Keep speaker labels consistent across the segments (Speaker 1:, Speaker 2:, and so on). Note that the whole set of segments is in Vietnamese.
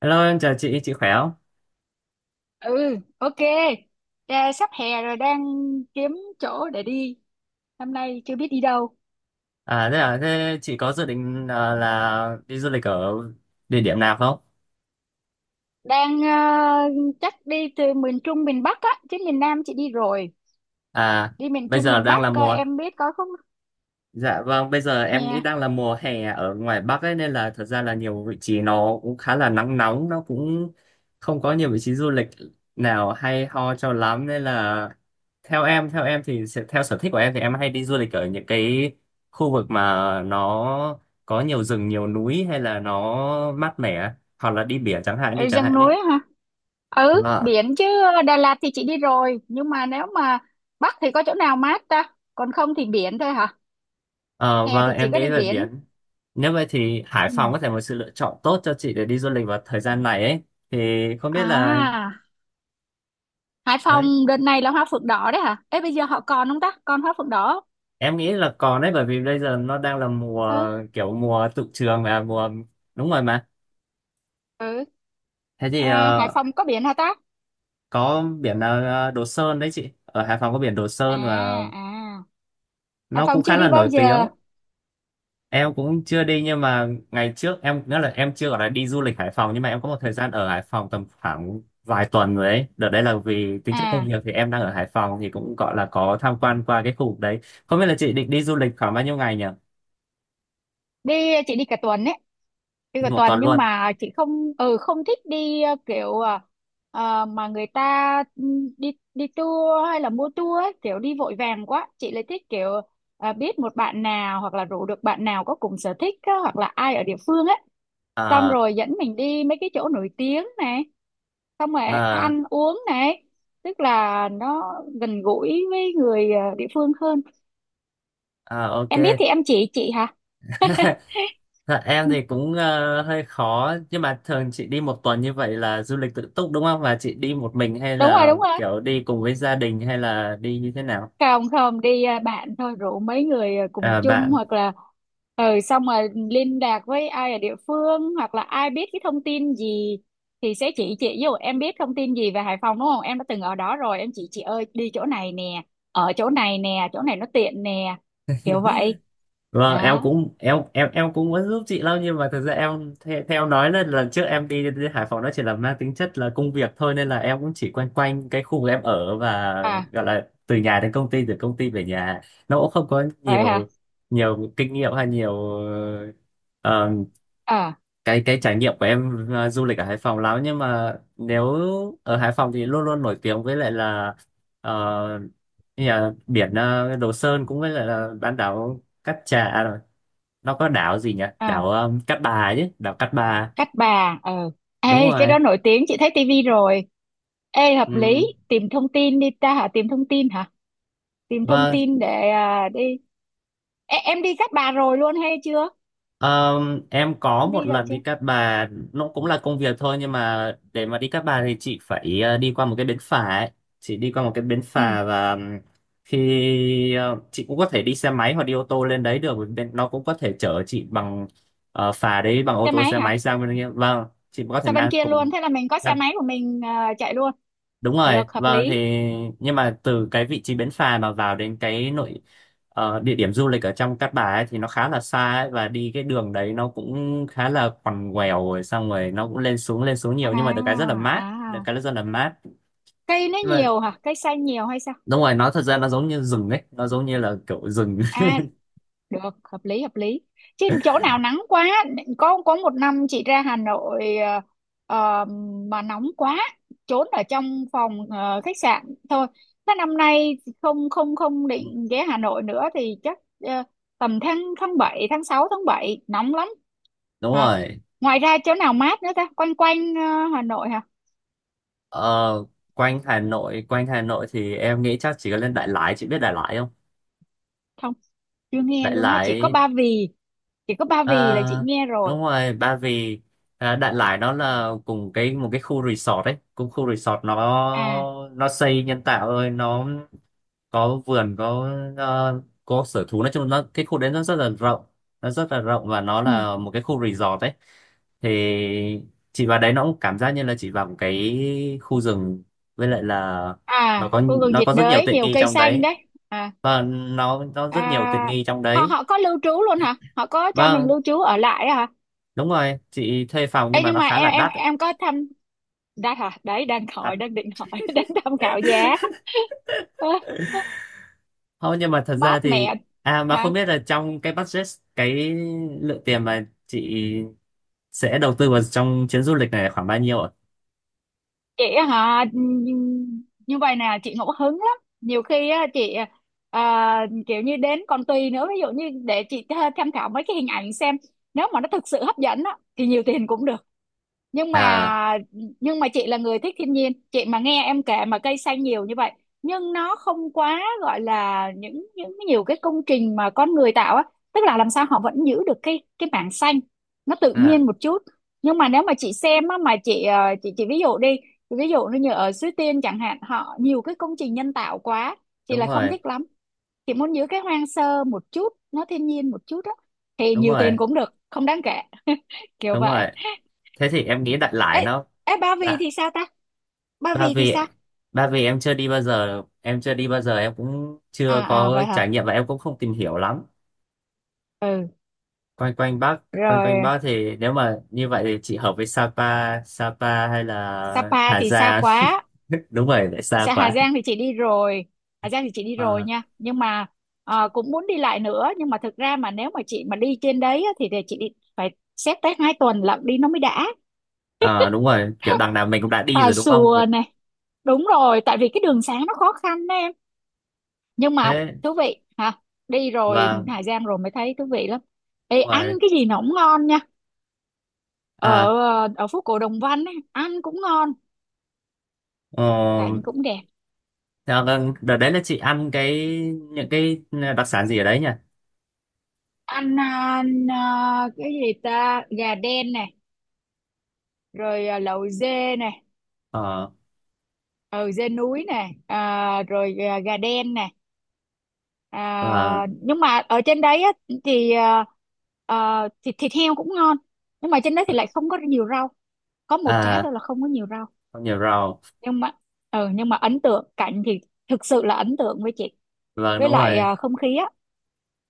Speaker 1: Hello, em chào chị khỏe không?
Speaker 2: Ừ, ok. Ra sắp hè rồi, đang kiếm chỗ để đi, năm nay chưa biết đi đâu.
Speaker 1: Thế chị có dự định là đi du lịch ở địa điểm nào không?
Speaker 2: Đang chắc đi từ miền Trung miền Bắc á, chứ miền Nam chị đi rồi.
Speaker 1: À,
Speaker 2: Đi miền
Speaker 1: bây
Speaker 2: Trung
Speaker 1: giờ
Speaker 2: miền
Speaker 1: đang là
Speaker 2: Bắc coi
Speaker 1: mùa
Speaker 2: em biết có không.
Speaker 1: Dạ, vâng, bây giờ em
Speaker 2: Hè.
Speaker 1: nghĩ đang là mùa hè ở ngoài Bắc ấy, nên là thật ra là nhiều vị trí nó cũng khá là nắng nóng, nó cũng không có nhiều vị trí du lịch nào hay ho cho lắm, nên là theo em thì theo sở thích của em thì em hay đi du lịch ở những cái khu vực mà nó có nhiều rừng, nhiều núi, hay là nó mát mẻ, hoặc là đi biển chẳng hạn đi
Speaker 2: Ở
Speaker 1: chẳng
Speaker 2: rừng
Speaker 1: hạn đi.
Speaker 2: núi hả? Ừ,
Speaker 1: Vâng.
Speaker 2: biển chứ. Đà Lạt thì chị đi rồi, nhưng mà nếu mà Bắc thì có chỗ nào mát ta, còn không thì biển thôi hả?
Speaker 1: Ờ,
Speaker 2: Hè
Speaker 1: vâng,
Speaker 2: thì chỉ
Speaker 1: em
Speaker 2: có đi
Speaker 1: nghĩ về
Speaker 2: biển.
Speaker 1: biển. Nếu vậy thì Hải Phòng
Speaker 2: Ừ.
Speaker 1: có thể một sự lựa chọn tốt cho chị để đi du lịch vào thời gian này ấy. Thì không biết là
Speaker 2: À. Hải
Speaker 1: đấy,
Speaker 2: Phòng đợt này là hoa phượng đỏ đấy hả? Ê, bây giờ họ còn không ta, còn hoa phượng đỏ không?
Speaker 1: em nghĩ là còn đấy, bởi vì bây giờ nó đang là mùa,
Speaker 2: Ừ.
Speaker 1: kiểu mùa tụ trường và mùa, đúng rồi mà.
Speaker 2: Ừ.
Speaker 1: Thế thì
Speaker 2: À, Hải
Speaker 1: ờ,
Speaker 2: Phòng có biển hả ta?
Speaker 1: có biển là Đồ Sơn đấy chị. Ở Hải Phòng có biển Đồ
Speaker 2: À.
Speaker 1: Sơn và
Speaker 2: À. Hải
Speaker 1: nó
Speaker 2: Phòng
Speaker 1: cũng
Speaker 2: chưa
Speaker 1: khá là
Speaker 2: đi bao
Speaker 1: nổi
Speaker 2: giờ.
Speaker 1: tiếng. Em cũng chưa đi, nhưng mà ngày trước em nghĩa là em chưa gọi là đi du lịch Hải Phòng, nhưng mà em có một thời gian ở Hải Phòng tầm khoảng vài tuần rồi ấy. Đợt đấy là vì tính chất công
Speaker 2: À,
Speaker 1: việc, thì em đang ở Hải Phòng thì cũng gọi là có tham quan qua cái khu vực đấy. Không biết là chị định đi du lịch khoảng bao nhiêu ngày nhỉ?
Speaker 2: đi, chị đi cả tuần ấy, đi cả
Speaker 1: Đi một
Speaker 2: tuần,
Speaker 1: tuần
Speaker 2: nhưng
Speaker 1: luôn
Speaker 2: mà chị không, ừ không thích đi kiểu mà người ta ừ, đi đi tour hay là mua tour ấy, kiểu đi vội vàng quá. Chị lại thích kiểu biết một bạn nào, hoặc là rủ được bạn nào có cùng sở thích á, hoặc là ai ở địa phương ấy, xong
Speaker 1: à?
Speaker 2: rồi dẫn mình đi mấy cái chỗ nổi tiếng này, xong rồi
Speaker 1: À,
Speaker 2: ăn uống này, tức là nó gần gũi với người địa phương hơn.
Speaker 1: à, ok.
Speaker 2: Em biết thì em chỉ chị hả.
Speaker 1: Dạ, em thì cũng hơi khó, nhưng mà thường chị đi một tuần như vậy là du lịch tự túc đúng không, và chị đi một mình hay
Speaker 2: Đúng rồi,
Speaker 1: là
Speaker 2: đúng rồi.
Speaker 1: kiểu đi cùng với gia đình hay là đi như thế nào?
Speaker 2: Còng không đi à, bạn thôi, rủ mấy người à, cùng
Speaker 1: À,
Speaker 2: chung
Speaker 1: bạn.
Speaker 2: hoặc là ừ, xong rồi liên lạc với ai ở địa phương, hoặc là ai biết cái thông tin gì thì sẽ chỉ chị. Ví dụ em biết thông tin gì về Hải Phòng đúng không, em đã từng ở đó rồi, em chỉ chị ơi đi chỗ này nè, ở chỗ này nè, chỗ này nó tiện nè, kiểu vậy
Speaker 1: Vâng, em
Speaker 2: đó.
Speaker 1: cũng em cũng muốn giúp chị lắm, nhưng mà thực ra em theo em nói là lần trước em đến Hải Phòng nó chỉ là mang tính chất là công việc thôi, nên là em cũng chỉ quanh quanh cái khu vực em ở, và
Speaker 2: À
Speaker 1: gọi là từ nhà đến công ty, từ công ty về nhà, nó cũng không có
Speaker 2: vậy hả.
Speaker 1: nhiều, nhiều kinh nghiệm hay ờ,
Speaker 2: Ờ.
Speaker 1: cái trải nghiệm của em du lịch ở Hải Phòng lắm, nhưng mà nếu ở Hải Phòng thì luôn luôn nổi tiếng với lại là, ờ, như là biển Đồ Sơn, cũng với lại là bán đảo Cát Trà, nó có đảo gì nhỉ,
Speaker 2: À,
Speaker 1: đảo Cát Bà, chứ đảo Cát Bà,
Speaker 2: cắt Bà ờ.
Speaker 1: đúng
Speaker 2: Ê, cái
Speaker 1: rồi.
Speaker 2: đó nổi tiếng, chị thấy tivi rồi. Ê hợp
Speaker 1: Ừ.
Speaker 2: lý, tìm thông tin đi ta hả, tìm thông tin hả, tìm thông
Speaker 1: Vâng.
Speaker 2: tin để à, đi. Ê, em đi Cát Bà rồi luôn hay chưa?
Speaker 1: Em có
Speaker 2: Em
Speaker 1: một
Speaker 2: đi rồi
Speaker 1: lần
Speaker 2: chưa?
Speaker 1: đi Cát Bà, nó cũng là công việc thôi, nhưng mà để mà đi Cát Bà thì chị phải đi qua một cái bến phà ấy. Chị đi qua một cái bến
Speaker 2: Ừ.
Speaker 1: phà và chị cũng có thể đi xe máy hoặc đi ô tô lên đấy được, bởi vì nó cũng có thể chở chị bằng phà đấy, bằng ô
Speaker 2: Xe
Speaker 1: tô,
Speaker 2: máy
Speaker 1: xe máy
Speaker 2: hả?
Speaker 1: sang bên kia, vâng. Chị có thể
Speaker 2: Sao bên
Speaker 1: mang
Speaker 2: kia luôn,
Speaker 1: cùng.
Speaker 2: thế là mình có xe máy của mình à, chạy luôn
Speaker 1: Đúng rồi,
Speaker 2: được, hợp
Speaker 1: vâng, thì
Speaker 2: lý.
Speaker 1: nhưng mà từ cái vị trí bến phà mà vào đến cái nội, địa điểm du lịch ở trong Cát Bà ấy, thì nó khá là xa ấy, và đi cái đường đấy nó cũng khá là quằn quèo, rồi xong rồi nó cũng lên xuống nhiều, nhưng mà được cái rất là
Speaker 2: À
Speaker 1: mát,
Speaker 2: à.
Speaker 1: được cái rất là mát.
Speaker 2: Cây nó
Speaker 1: Nhưng mà
Speaker 2: nhiều hả, cây xanh nhiều hay sao?
Speaker 1: đúng rồi, nó thật ra nó giống như rừng ấy, nó giống như là kiểu rừng.
Speaker 2: À được, hợp lý hợp lý. Chứ chỗ nào nắng quá. Có một năm chị ra Hà Nội ờ, mà nóng quá, trốn ở trong phòng khách sạn thôi. Thế năm nay không không không định ghé Hà Nội nữa thì chắc ờ, tầm tháng, tháng bảy, tháng 6 tháng 7 nóng lắm.
Speaker 1: Đúng
Speaker 2: Hả?
Speaker 1: rồi.
Speaker 2: Ngoài ra chỗ nào mát nữa ta, quanh quanh Hà Nội hả?
Speaker 1: Ờ, quanh Hà Nội thì em nghĩ chắc chỉ có lên Đại Lải, chị biết Đại Lải không?
Speaker 2: Không, chưa nghe
Speaker 1: Đại
Speaker 2: luôn á, chỉ có
Speaker 1: Lải.
Speaker 2: Ba Vì, chỉ có Ba Vì là chị
Speaker 1: À,
Speaker 2: nghe rồi.
Speaker 1: đúng rồi Ba Vì. Đại Lải nó là cùng cái một cái khu resort ấy, cùng khu resort. nó
Speaker 2: À.
Speaker 1: nó xây nhân tạo thôi, nó có vườn, có ờ, có sở thú, nói chung nó cái khu đấy nó rất là rộng, nó rất là rộng và nó
Speaker 2: Ừ.
Speaker 1: là một cái khu resort ấy. Thì chị vào đấy nó cũng cảm giác như là chị vào một cái khu rừng, với lại là nó
Speaker 2: À,
Speaker 1: có,
Speaker 2: khu vực
Speaker 1: nó
Speaker 2: nhiệt
Speaker 1: có rất nhiều
Speaker 2: đới
Speaker 1: tiện
Speaker 2: nhiều
Speaker 1: nghi
Speaker 2: cây
Speaker 1: trong
Speaker 2: xanh
Speaker 1: đấy,
Speaker 2: đấy. À.
Speaker 1: và nó rất nhiều tiện
Speaker 2: À,
Speaker 1: nghi trong
Speaker 2: họ
Speaker 1: đấy.
Speaker 2: họ có lưu trú luôn hả, họ có cho mình
Speaker 1: Vâng,
Speaker 2: lưu trú ở lại á hả?
Speaker 1: đúng rồi, chị thuê phòng, nhưng
Speaker 2: Ê,
Speaker 1: mà
Speaker 2: nhưng
Speaker 1: nó
Speaker 2: mà
Speaker 1: khá là đắt đấy.
Speaker 2: em có thăm, đã hả, đấy đang hỏi,
Speaker 1: À,
Speaker 2: đang định hỏi đang tham khảo giá. Ơ,
Speaker 1: thôi nhưng mà thật ra
Speaker 2: mát
Speaker 1: thì,
Speaker 2: mẹ.
Speaker 1: à mà không
Speaker 2: Hả?
Speaker 1: biết là trong cái budget, cái lượng tiền mà chị sẽ đầu tư vào trong chuyến du lịch này là khoảng bao nhiêu ạ?
Speaker 2: Chị á hả, như vậy nè, chị ngẫu hứng lắm, nhiều khi á chị à, kiểu như đến còn tùy nữa, ví dụ như để chị tha- tham khảo mấy cái hình ảnh xem, nếu mà nó thực sự hấp dẫn á thì nhiều tiền cũng được. Nhưng
Speaker 1: À,
Speaker 2: mà, nhưng mà chị là người thích thiên nhiên, chị mà nghe em kể mà cây xanh nhiều như vậy, nhưng nó không quá gọi là những nhiều cái công trình mà con người tạo á, tức là làm sao họ vẫn giữ được cái mảng xanh, nó tự
Speaker 1: à,
Speaker 2: nhiên một chút. Nhưng mà nếu mà chị xem á, mà chị chị ví dụ đi, chị ví dụ như ở Suối Tiên chẳng hạn, họ nhiều cái công trình nhân tạo quá, chị
Speaker 1: đúng
Speaker 2: là không
Speaker 1: rồi,
Speaker 2: thích lắm. Chị muốn giữ cái hoang sơ một chút, nó thiên nhiên một chút á, thì
Speaker 1: đúng
Speaker 2: nhiều tiền
Speaker 1: rồi,
Speaker 2: cũng được, không đáng kể. Kiểu
Speaker 1: đúng
Speaker 2: vậy.
Speaker 1: rồi. Thế thì em nghĩ đại loại
Speaker 2: Ê,
Speaker 1: nó.
Speaker 2: ê Ba Vì thì
Speaker 1: Dạ.
Speaker 2: sao ta? Ba
Speaker 1: ba
Speaker 2: Vì thì
Speaker 1: vì
Speaker 2: sao?
Speaker 1: ba vì em chưa đi bao giờ, em chưa đi bao giờ, em cũng chưa
Speaker 2: À à
Speaker 1: có
Speaker 2: vậy hả?
Speaker 1: trải nghiệm và em cũng không tìm hiểu lắm.
Speaker 2: Ừ,
Speaker 1: quanh quanh Bắc quanh quanh
Speaker 2: rồi.
Speaker 1: Bắc thì nếu mà như vậy thì chị hợp với Sapa, Sapa hay là
Speaker 2: Sapa
Speaker 1: Hà
Speaker 2: thì xa
Speaker 1: Giang.
Speaker 2: quá.
Speaker 1: Đúng rồi, lại xa
Speaker 2: Sa- Hà
Speaker 1: quá.
Speaker 2: Giang thì chị đi rồi. Hà Giang thì chị đi rồi
Speaker 1: Ờ,
Speaker 2: nha. Nhưng mà cũng muốn đi lại nữa, nhưng mà thực ra mà nếu mà chị mà đi trên đấy á, thì để chị đi phải xét tới hai tuần lận đi nó mới đã.
Speaker 1: ờ, đúng rồi, kiểu đằng nào mình cũng đã đi
Speaker 2: Tà
Speaker 1: rồi đúng không vậy.
Speaker 2: xùa này. Đúng rồi, tại vì cái đường xá nó khó khăn đó em. Nhưng mà
Speaker 1: Thế
Speaker 2: thú vị hả? Đi rồi
Speaker 1: và
Speaker 2: Hà Giang rồi mới thấy thú vị lắm. Ê,
Speaker 1: đúng
Speaker 2: ăn
Speaker 1: rồi,
Speaker 2: cái gì nó cũng ngon nha.
Speaker 1: à,
Speaker 2: Ở, ở phố cổ Đồng Văn ấy, ăn cũng ngon,
Speaker 1: ờ,
Speaker 2: cảnh cũng đẹp.
Speaker 1: theo vâng, đợt đấy là chị ăn cái những cái đặc sản gì ở đấy nhỉ?
Speaker 2: Ăn, à, à, cái gì ta, gà đen này, rồi à, lẩu dê này,
Speaker 1: Ờ.
Speaker 2: ừ, dê núi này, à, rồi à, gà đen này,
Speaker 1: Và
Speaker 2: à, nhưng mà ở trên đấy á, thì à, à, thịt thịt heo cũng ngon, nhưng mà trên đấy thì lại không có nhiều rau, có một cái
Speaker 1: à,
Speaker 2: thôi là không có nhiều rau.
Speaker 1: không nhiều rau.
Speaker 2: Nhưng mà ừ, nhưng mà ấn tượng cảnh thì thực sự là ấn tượng với chị,
Speaker 1: Vâng,
Speaker 2: với
Speaker 1: đúng
Speaker 2: lại
Speaker 1: rồi.
Speaker 2: à, không khí á,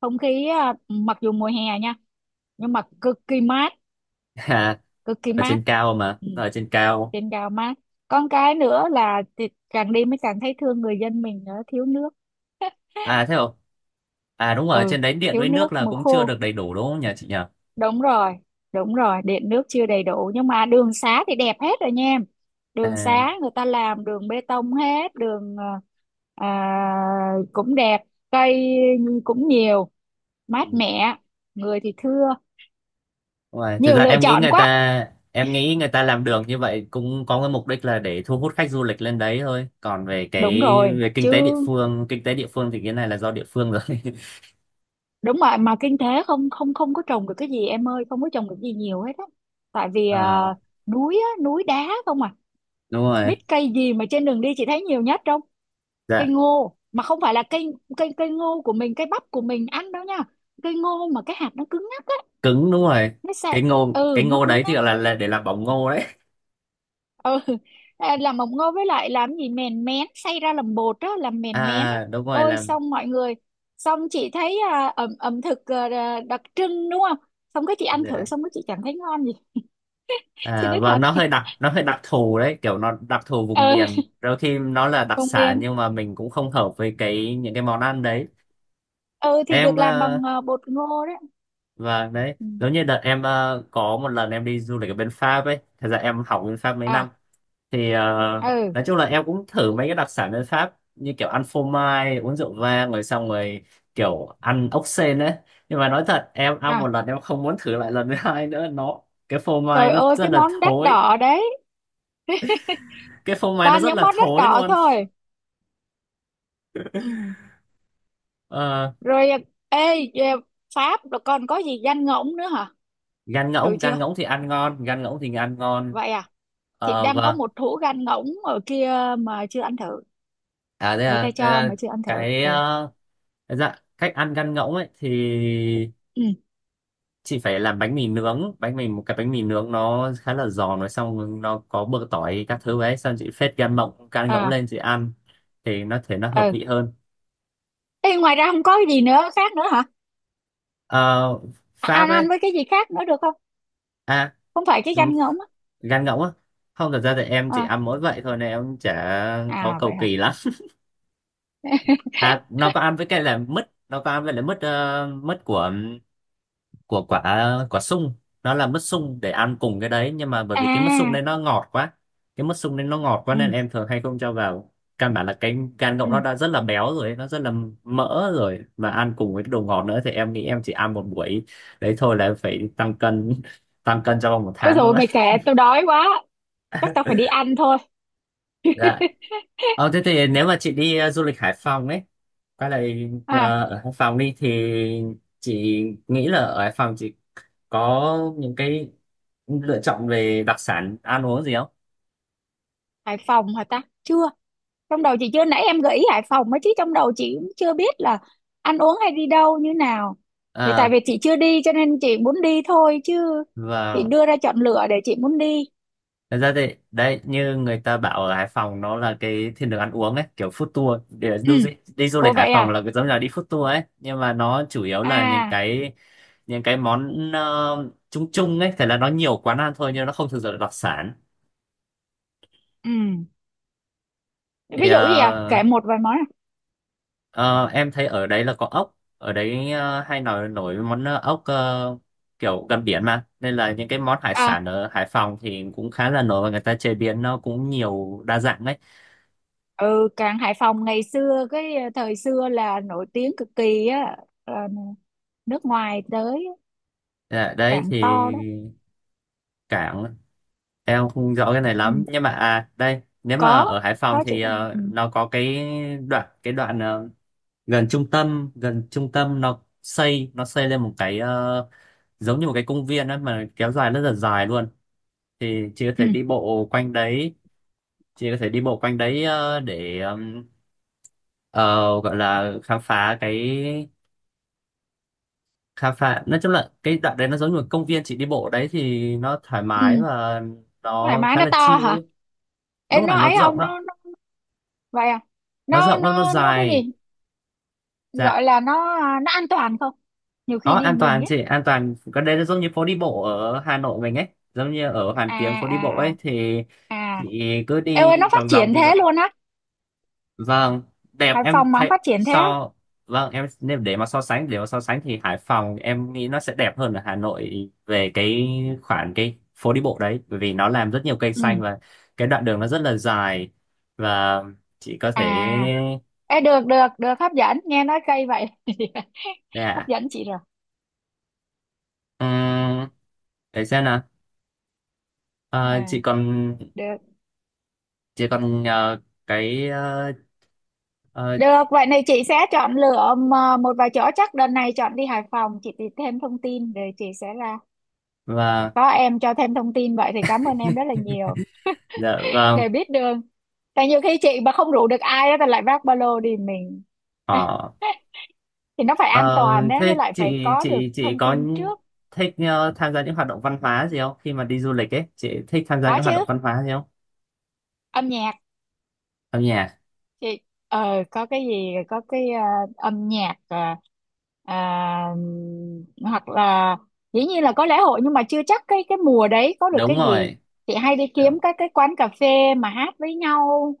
Speaker 2: không khí à, mặc dù mùa hè nha nhưng mà cực kỳ mát,
Speaker 1: À,
Speaker 2: cực kỳ
Speaker 1: ở
Speaker 2: mát.
Speaker 1: trên cao mà,
Speaker 2: Ừ,
Speaker 1: ở trên cao.
Speaker 2: trên cao mát. Con cái nữa là, thì càng đi mới càng thấy thương người dân mình, nữa thiếu nước.
Speaker 1: À thế không, à đúng rồi ở
Speaker 2: Ừ,
Speaker 1: trên đấy điện
Speaker 2: thiếu
Speaker 1: với
Speaker 2: nước
Speaker 1: nước là
Speaker 2: mùa
Speaker 1: cũng chưa
Speaker 2: khô.
Speaker 1: được đầy đủ đúng không nhỉ, chị nhỉ?
Speaker 2: Đúng rồi, đúng rồi, điện nước chưa đầy đủ, nhưng mà đường xá thì đẹp hết rồi nha em. Đường
Speaker 1: À,
Speaker 2: xá người ta làm đường bê tông hết đường à, à, cũng đẹp, cây cũng nhiều,
Speaker 1: ừ.
Speaker 2: mát mẻ, người thì thưa.
Speaker 1: Đúng rồi. Thực
Speaker 2: Nhiều
Speaker 1: ra
Speaker 2: lựa
Speaker 1: em nghĩ
Speaker 2: chọn
Speaker 1: người
Speaker 2: quá.
Speaker 1: ta, em nghĩ người ta làm đường như vậy cũng có cái mục đích là để thu hút khách du lịch lên đấy thôi. Còn về cái,
Speaker 2: Đúng rồi
Speaker 1: về kinh
Speaker 2: chứ.
Speaker 1: tế địa phương, kinh tế địa phương thì cái này là do địa phương rồi.
Speaker 2: Đúng rồi, mà kinh tế không không không có trồng được cái gì em ơi, không có trồng được gì nhiều hết á, tại vì à,
Speaker 1: Ờ,
Speaker 2: núi á, núi đá không à.
Speaker 1: đúng rồi.
Speaker 2: Biết cây gì mà trên đường đi chị thấy nhiều nhất không? Cây
Speaker 1: Dạ,
Speaker 2: ngô, mà không phải là cây cây cây ngô của mình, cây bắp của mình ăn đâu nha, cây ngô mà cái hạt nó cứng ngắc á.
Speaker 1: cứng đúng rồi.
Speaker 2: Nó sẽ
Speaker 1: Cái ngô
Speaker 2: ừ,
Speaker 1: cái
Speaker 2: nó
Speaker 1: ngô
Speaker 2: cứng
Speaker 1: đấy thì
Speaker 2: ngắc.
Speaker 1: gọi là để làm bỏng ngô đấy.
Speaker 2: Ừ. À, làm mộc ngô với lại làm gì, mèn mén, xay ra làm bột á, làm mèn mén á.
Speaker 1: À đúng rồi
Speaker 2: Ôi,
Speaker 1: làm.
Speaker 2: xong mọi người, xong chị thấy à, ẩm ẩm thực à, đặc trưng đúng không, xong cái chị ăn thử
Speaker 1: Dạ.
Speaker 2: xong cái chị chẳng thấy ngon gì. Chị
Speaker 1: À,
Speaker 2: nói
Speaker 1: và
Speaker 2: thật.
Speaker 1: nó hơi đặc, nó hơi đặc thù đấy, kiểu nó đặc thù vùng
Speaker 2: Ừ,
Speaker 1: miền. Đôi khi nó là đặc
Speaker 2: vùng
Speaker 1: sản
Speaker 2: miền.
Speaker 1: nhưng mà mình cũng không hợp với cái những cái món ăn đấy.
Speaker 2: Ừ, thì
Speaker 1: Em
Speaker 2: được làm
Speaker 1: ờ,
Speaker 2: bằng à, bột ngô đấy.
Speaker 1: và đấy
Speaker 2: Ừ.
Speaker 1: giống như đợt em có một lần em đi du lịch ở bên Pháp ấy, thật ra em học bên Pháp mấy
Speaker 2: À.
Speaker 1: năm. thì ờ,
Speaker 2: Ừ.
Speaker 1: nói chung là em cũng thử mấy cái đặc sản bên Pháp, như kiểu ăn phô mai, uống rượu vang, rồi xong rồi kiểu ăn ốc sên ấy, nhưng mà nói thật em ăn một
Speaker 2: À.
Speaker 1: lần em không muốn thử lại lần thứ hai nữa. Nó, cái phô mai
Speaker 2: Trời
Speaker 1: nó
Speaker 2: ơi,
Speaker 1: rất
Speaker 2: cái
Speaker 1: là
Speaker 2: món đắt
Speaker 1: thối
Speaker 2: đỏ đấy,
Speaker 1: cái phô mai nó
Speaker 2: toàn
Speaker 1: rất
Speaker 2: những
Speaker 1: là
Speaker 2: món đắt
Speaker 1: thối
Speaker 2: đỏ
Speaker 1: luôn.
Speaker 2: thôi. Ừ.
Speaker 1: Ờ,
Speaker 2: Rồi à, ê, à, Pháp rồi còn có gì, danh ngỗng nữa hả?
Speaker 1: gan
Speaker 2: Thử
Speaker 1: ngỗng
Speaker 2: chưa?
Speaker 1: gan ngỗng thì ăn ngon, gan ngỗng thì ăn ngon.
Speaker 2: Vậy à. Chị
Speaker 1: Ờ,
Speaker 2: đang có
Speaker 1: vâng.
Speaker 2: một hũ gan ngỗng ở kia mà chưa ăn thử,
Speaker 1: À thế
Speaker 2: người ta
Speaker 1: à, thế
Speaker 2: cho
Speaker 1: là
Speaker 2: mà chưa ăn thử.
Speaker 1: cái
Speaker 2: Ừ.
Speaker 1: ờ, Dạ, cách ăn gan ngỗng ấy thì
Speaker 2: Ừ.
Speaker 1: chị phải làm bánh mì nướng, bánh mì một cái bánh mì nướng nó khá là giòn, rồi xong nó có bơ tỏi các thứ ấy, xong chị phết gan mộng gan ngỗng
Speaker 2: À.
Speaker 1: lên chị ăn thì nó thể nó hợp
Speaker 2: Ừ.
Speaker 1: vị hơn.
Speaker 2: Ê, ngoài ra không có cái gì nữa khác nữa hả?
Speaker 1: Ờ,
Speaker 2: À,
Speaker 1: Pháp
Speaker 2: ăn,
Speaker 1: ấy,
Speaker 2: ăn với cái gì khác nữa được không?
Speaker 1: à
Speaker 2: Không phải cái
Speaker 1: ừ,
Speaker 2: gan ngỗng á.
Speaker 1: gan ngỗng á, không thật ra thì em chỉ
Speaker 2: À.
Speaker 1: ăn mỗi vậy thôi nên em chả có
Speaker 2: À vậy
Speaker 1: cầu
Speaker 2: hả.
Speaker 1: kỳ lắm. À nó có ăn với cái là mứt, nó có ăn với lại mứt của quả, quả sung, nó là mứt sung để ăn cùng cái đấy. Nhưng mà bởi vì cái mứt sung đấy
Speaker 2: À.
Speaker 1: nó ngọt quá cái mứt sung đấy nó ngọt quá nên
Speaker 2: Ừ.
Speaker 1: em thường hay không cho vào. Căn bản là cái gan ngỗng
Speaker 2: Ừ.
Speaker 1: nó đã rất là béo rồi ấy, nó rất là mỡ rồi, mà ăn cùng với cái đồ ngọt nữa thì em nghĩ em chỉ ăn một buổi đấy thôi là em phải tăng cân, tăng cân trong vòng một
Speaker 2: Ôi
Speaker 1: tháng thôi
Speaker 2: rồi
Speaker 1: mà.
Speaker 2: mày kể tôi đói quá, chắc tao phải đi ăn thôi.
Speaker 1: Dạ. Thế thì nếu mà chị đi du lịch Hải Phòng ấy, quay lại
Speaker 2: À,
Speaker 1: ở Hải Phòng đi, thì chị nghĩ là ở Hải Phòng chị có những cái lựa chọn về đặc sản ăn uống gì không?
Speaker 2: Hải Phòng hả ta, chưa, trong đầu chị chưa, nãy em gợi ý Hải Phòng ấy chứ trong đầu chị cũng chưa biết là ăn uống hay đi đâu như nào. Thì tại
Speaker 1: À,
Speaker 2: vì chị chưa đi cho nên chị muốn đi thôi, chứ chị
Speaker 1: và
Speaker 2: đưa ra chọn lựa để chị muốn đi.
Speaker 1: thật ra thì đấy, như người ta bảo ở Hải Phòng nó là cái thiên đường ăn uống ấy, kiểu food tour, để
Speaker 2: Ừ.
Speaker 1: đi du
Speaker 2: Ồ
Speaker 1: lịch Hải
Speaker 2: vậy
Speaker 1: Phòng
Speaker 2: à.
Speaker 1: là giống như là đi food tour ấy, nhưng mà nó chủ yếu là những
Speaker 2: À.
Speaker 1: cái, những cái món chung chung ấy, thế là nó nhiều quán ăn thôi nhưng nó không thực sự là đặc sản.
Speaker 2: Ừ.
Speaker 1: thì
Speaker 2: ví dụ gì à,
Speaker 1: ờ,
Speaker 2: kể một vài món à.
Speaker 1: Ờ, em thấy ở đấy là có ốc ở đấy, hay nổi nổi món ốc, kiểu gần biển mà, nên là những cái món hải
Speaker 2: À,
Speaker 1: sản ở Hải Phòng thì cũng khá là nổi và người ta chế biến nó cũng nhiều đa dạng đấy.
Speaker 2: ừ, cảng Hải Phòng ngày xưa cái thời xưa là nổi tiếng cực kỳ á, là nước ngoài tới á,
Speaker 1: Dạ, đấy
Speaker 2: cảng
Speaker 1: thì
Speaker 2: to đó.
Speaker 1: cảng em không rõ cái này
Speaker 2: Ừ.
Speaker 1: lắm, nhưng mà à đây nếu mà
Speaker 2: có
Speaker 1: ở Hải Phòng
Speaker 2: có chị
Speaker 1: thì
Speaker 2: có. Ừ.
Speaker 1: nó có cái đoạn gần trung tâm, nó xây lên một cái, giống như một cái công viên ấy mà kéo dài rất là dài luôn, thì chị có
Speaker 2: Ừ.
Speaker 1: thể đi bộ quanh đấy. Chị có thể đi bộ quanh đấy để ờ, gọi là khám phá, nói chung là cái đoạn đấy nó giống như một công viên, chị đi bộ ở đấy thì nó thoải mái
Speaker 2: Ừ.
Speaker 1: và
Speaker 2: Thoải
Speaker 1: nó
Speaker 2: mái,
Speaker 1: khá
Speaker 2: nó
Speaker 1: là
Speaker 2: to
Speaker 1: chill
Speaker 2: hả,
Speaker 1: ấy. Lúc
Speaker 2: em
Speaker 1: mà
Speaker 2: nói
Speaker 1: nó
Speaker 2: ấy
Speaker 1: rộng
Speaker 2: không,
Speaker 1: lắm,
Speaker 2: nó vậy à,
Speaker 1: nó rộng lắm nó
Speaker 2: nó cái
Speaker 1: dài.
Speaker 2: gì
Speaker 1: Dạ,
Speaker 2: gọi là, nó à, nó an toàn không, nhiều
Speaker 1: có
Speaker 2: khi đi
Speaker 1: an
Speaker 2: mình
Speaker 1: toàn
Speaker 2: ấy.
Speaker 1: chị, an toàn. Cái đấy nó giống như phố đi bộ ở Hà Nội mình ấy, giống như ở Hoàn
Speaker 2: À
Speaker 1: Kiếm phố đi
Speaker 2: à
Speaker 1: bộ ấy,
Speaker 2: à
Speaker 1: thì
Speaker 2: à.
Speaker 1: chị cứ
Speaker 2: Em ơi,
Speaker 1: đi
Speaker 2: nó phát
Speaker 1: vòng vòng
Speaker 2: triển
Speaker 1: như vậy.
Speaker 2: thế luôn á?
Speaker 1: Vâng, đẹp
Speaker 2: Hải
Speaker 1: em
Speaker 2: Phòng mà không
Speaker 1: thấy
Speaker 2: phát triển thế á?
Speaker 1: so, vâng em nếu để mà so sánh thì Hải Phòng em nghĩ nó sẽ đẹp hơn ở Hà Nội về cái khoản cái phố đi bộ đấy, bởi vì nó làm rất nhiều cây xanh
Speaker 2: Ừ.
Speaker 1: và cái đoạn đường nó rất là dài, và chị có
Speaker 2: À.
Speaker 1: thể.
Speaker 2: Ê, được được được, hấp dẫn nghe, nói cây vậy hấp
Speaker 1: Dạ.
Speaker 2: dẫn chị rồi.
Speaker 1: um, để xem nào. Ờ, chị
Speaker 2: À
Speaker 1: còn,
Speaker 2: được
Speaker 1: chị còn nhờ cái, ờ,
Speaker 2: được, vậy này chị sẽ chọn lựa, mà một vài chỗ chắc đợt này chọn đi Hải Phòng, chị tìm thêm thông tin rồi chị sẽ là
Speaker 1: và
Speaker 2: có em cho thêm thông tin vậy thì cảm ơn em rất là nhiều.
Speaker 1: dạ vâng.
Speaker 2: Để biết đường, tại nhiều khi chị mà không rủ được ai á thì lại vác ba lô đi mình.
Speaker 1: Ờ,
Speaker 2: Thì nó phải an toàn
Speaker 1: Ờ,
Speaker 2: á, với
Speaker 1: thế
Speaker 2: lại phải
Speaker 1: chị
Speaker 2: có được
Speaker 1: chị chị
Speaker 2: thông
Speaker 1: có
Speaker 2: tin trước.
Speaker 1: thích tham gia những hoạt động văn hóa gì không? Khi mà đi du lịch ấy, chị thích tham gia
Speaker 2: Có
Speaker 1: những hoạt động
Speaker 2: chứ,
Speaker 1: văn hóa gì không?
Speaker 2: âm nhạc.
Speaker 1: Âm nhạc.
Speaker 2: Chị có cái gì có cái âm nhạc ờ, à, hoặc là, dĩ nhiên là có lễ hội nhưng mà chưa chắc cái mùa đấy có được
Speaker 1: Đúng
Speaker 2: cái gì.
Speaker 1: rồi.
Speaker 2: Chị hay đi
Speaker 1: Đúng,
Speaker 2: kiếm các cái quán cà phê mà hát với nhau,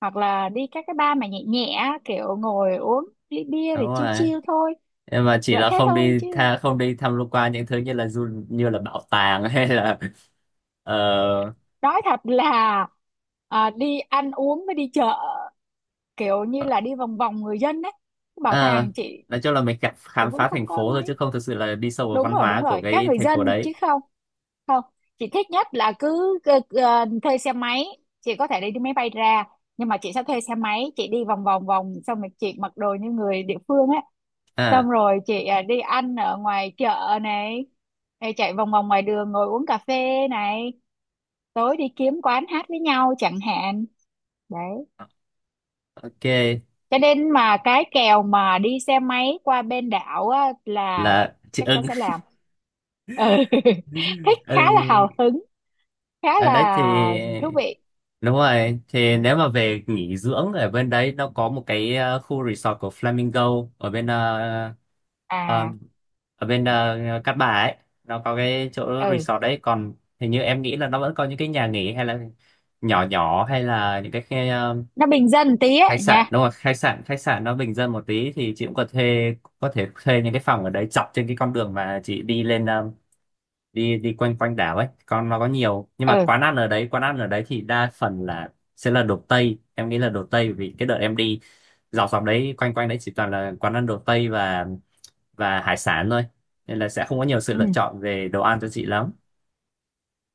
Speaker 2: hoặc là đi các cái bar mà nhẹ nhẹ, kiểu ngồi uống ly bia
Speaker 1: đúng
Speaker 2: để chill
Speaker 1: rồi.
Speaker 2: chill thôi.
Speaker 1: Nhưng mà chỉ
Speaker 2: Loại
Speaker 1: là
Speaker 2: thế thôi chứ.
Speaker 1: không đi tham quan những thứ như là bảo tàng hay là ờ,
Speaker 2: Nói thật là à, đi ăn uống với đi chợ, kiểu như là đi vòng vòng người dân đấy, cái bảo
Speaker 1: à,
Speaker 2: tàng chị
Speaker 1: nói chung là mình cảm
Speaker 2: thì
Speaker 1: khám
Speaker 2: vẫn
Speaker 1: phá
Speaker 2: không
Speaker 1: thành
Speaker 2: coi
Speaker 1: phố thôi, chứ
Speaker 2: mấy.
Speaker 1: không thực sự là đi sâu vào
Speaker 2: Đúng
Speaker 1: văn
Speaker 2: rồi đúng
Speaker 1: hóa của
Speaker 2: rồi, các
Speaker 1: cái
Speaker 2: người
Speaker 1: thành phố
Speaker 2: dân
Speaker 1: đấy.
Speaker 2: chứ không, không. Chị thích nhất là cứ thuê xe máy, chị có thể đi đi máy bay ra, nhưng mà chị sẽ thuê xe máy, chị đi vòng vòng vòng, xong rồi chị mặc đồ như người địa phương á,
Speaker 1: À,
Speaker 2: xong rồi chị à, đi ăn ở ngoài chợ này, hay chạy vòng vòng ngoài đường ngồi uống cà phê này, tối đi kiếm quán hát với nhau chẳng hạn. Đấy,
Speaker 1: ok
Speaker 2: cho nên mà cái kèo mà đi xe máy qua bên đảo á, là
Speaker 1: là chị
Speaker 2: chắc chắn
Speaker 1: ưng.
Speaker 2: sẽ làm. Ừ. Thích, khá là
Speaker 1: Ưng.
Speaker 2: hào hứng, khá
Speaker 1: À, đấy thì
Speaker 2: là thú vị.
Speaker 1: đúng rồi, thì nếu mà về nghỉ dưỡng ở bên đấy, nó có một cái, khu resort của Flamingo ở bên, ờ,
Speaker 2: À.
Speaker 1: ở bên, Cát Bà ấy, nó có cái chỗ
Speaker 2: Ừ.
Speaker 1: resort đấy. Còn hình như em nghĩ là nó vẫn có những cái nhà nghỉ hay là nhỏ nhỏ, hay là những cái
Speaker 2: Nó bình dân tí á
Speaker 1: khách sạn,
Speaker 2: nha.
Speaker 1: đúng rồi khách sạn, khách sạn nó bình dân một tí, thì chị cũng có thuê có thể thuê những cái phòng ở đấy dọc trên cái con đường mà chị đi lên, đi đi quanh quanh đảo ấy, con nó có nhiều, nhưng mà
Speaker 2: Ừ.
Speaker 1: quán ăn ở đấy thì đa phần là sẽ là đồ Tây, em nghĩ là đồ Tây, vì cái đợt em đi dọc dọc đấy quanh quanh đấy chỉ toàn là quán ăn đồ Tây và hải sản thôi, nên là sẽ không có nhiều sự
Speaker 2: Ừ,
Speaker 1: lựa chọn về đồ ăn cho chị lắm.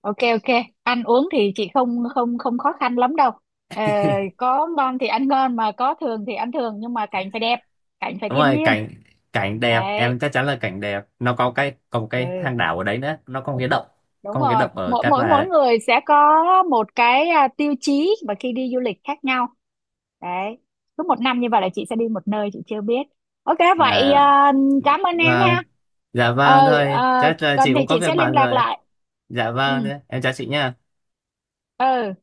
Speaker 2: ok ok, ăn uống thì chị không không không khó khăn lắm đâu. Ờ, có ngon thì ăn ngon, mà có thường thì ăn thường, nhưng mà cảnh phải đẹp, cảnh phải
Speaker 1: Đúng
Speaker 2: thiên
Speaker 1: rồi
Speaker 2: nhiên.
Speaker 1: cảnh, cảnh đẹp, em
Speaker 2: Đấy.
Speaker 1: chắc chắn là cảnh đẹp. Nó có cái, có một cái
Speaker 2: Ừ.
Speaker 1: hang đảo ở đấy nữa, nó có một cái động,
Speaker 2: Đúng
Speaker 1: có một cái
Speaker 2: rồi,
Speaker 1: động ở
Speaker 2: mỗi
Speaker 1: Cát
Speaker 2: mỗi
Speaker 1: Bà
Speaker 2: mỗi
Speaker 1: đấy.
Speaker 2: người sẽ có một cái à, tiêu chí và khi đi du lịch khác nhau. Đấy, cứ một năm như vậy là chị sẽ đi một nơi chị chưa biết. Ok, vậy
Speaker 1: À,
Speaker 2: à, cảm ơn em
Speaker 1: và
Speaker 2: ha.
Speaker 1: dạ vâng,
Speaker 2: Ừ,
Speaker 1: thôi
Speaker 2: à,
Speaker 1: chắc là chị
Speaker 2: cần thì
Speaker 1: cũng có
Speaker 2: chị
Speaker 1: việc
Speaker 2: sẽ liên
Speaker 1: bận
Speaker 2: lạc
Speaker 1: rồi.
Speaker 2: lại.
Speaker 1: Dạ vâng,
Speaker 2: Ừ,
Speaker 1: em chào chị nha.
Speaker 2: ừ.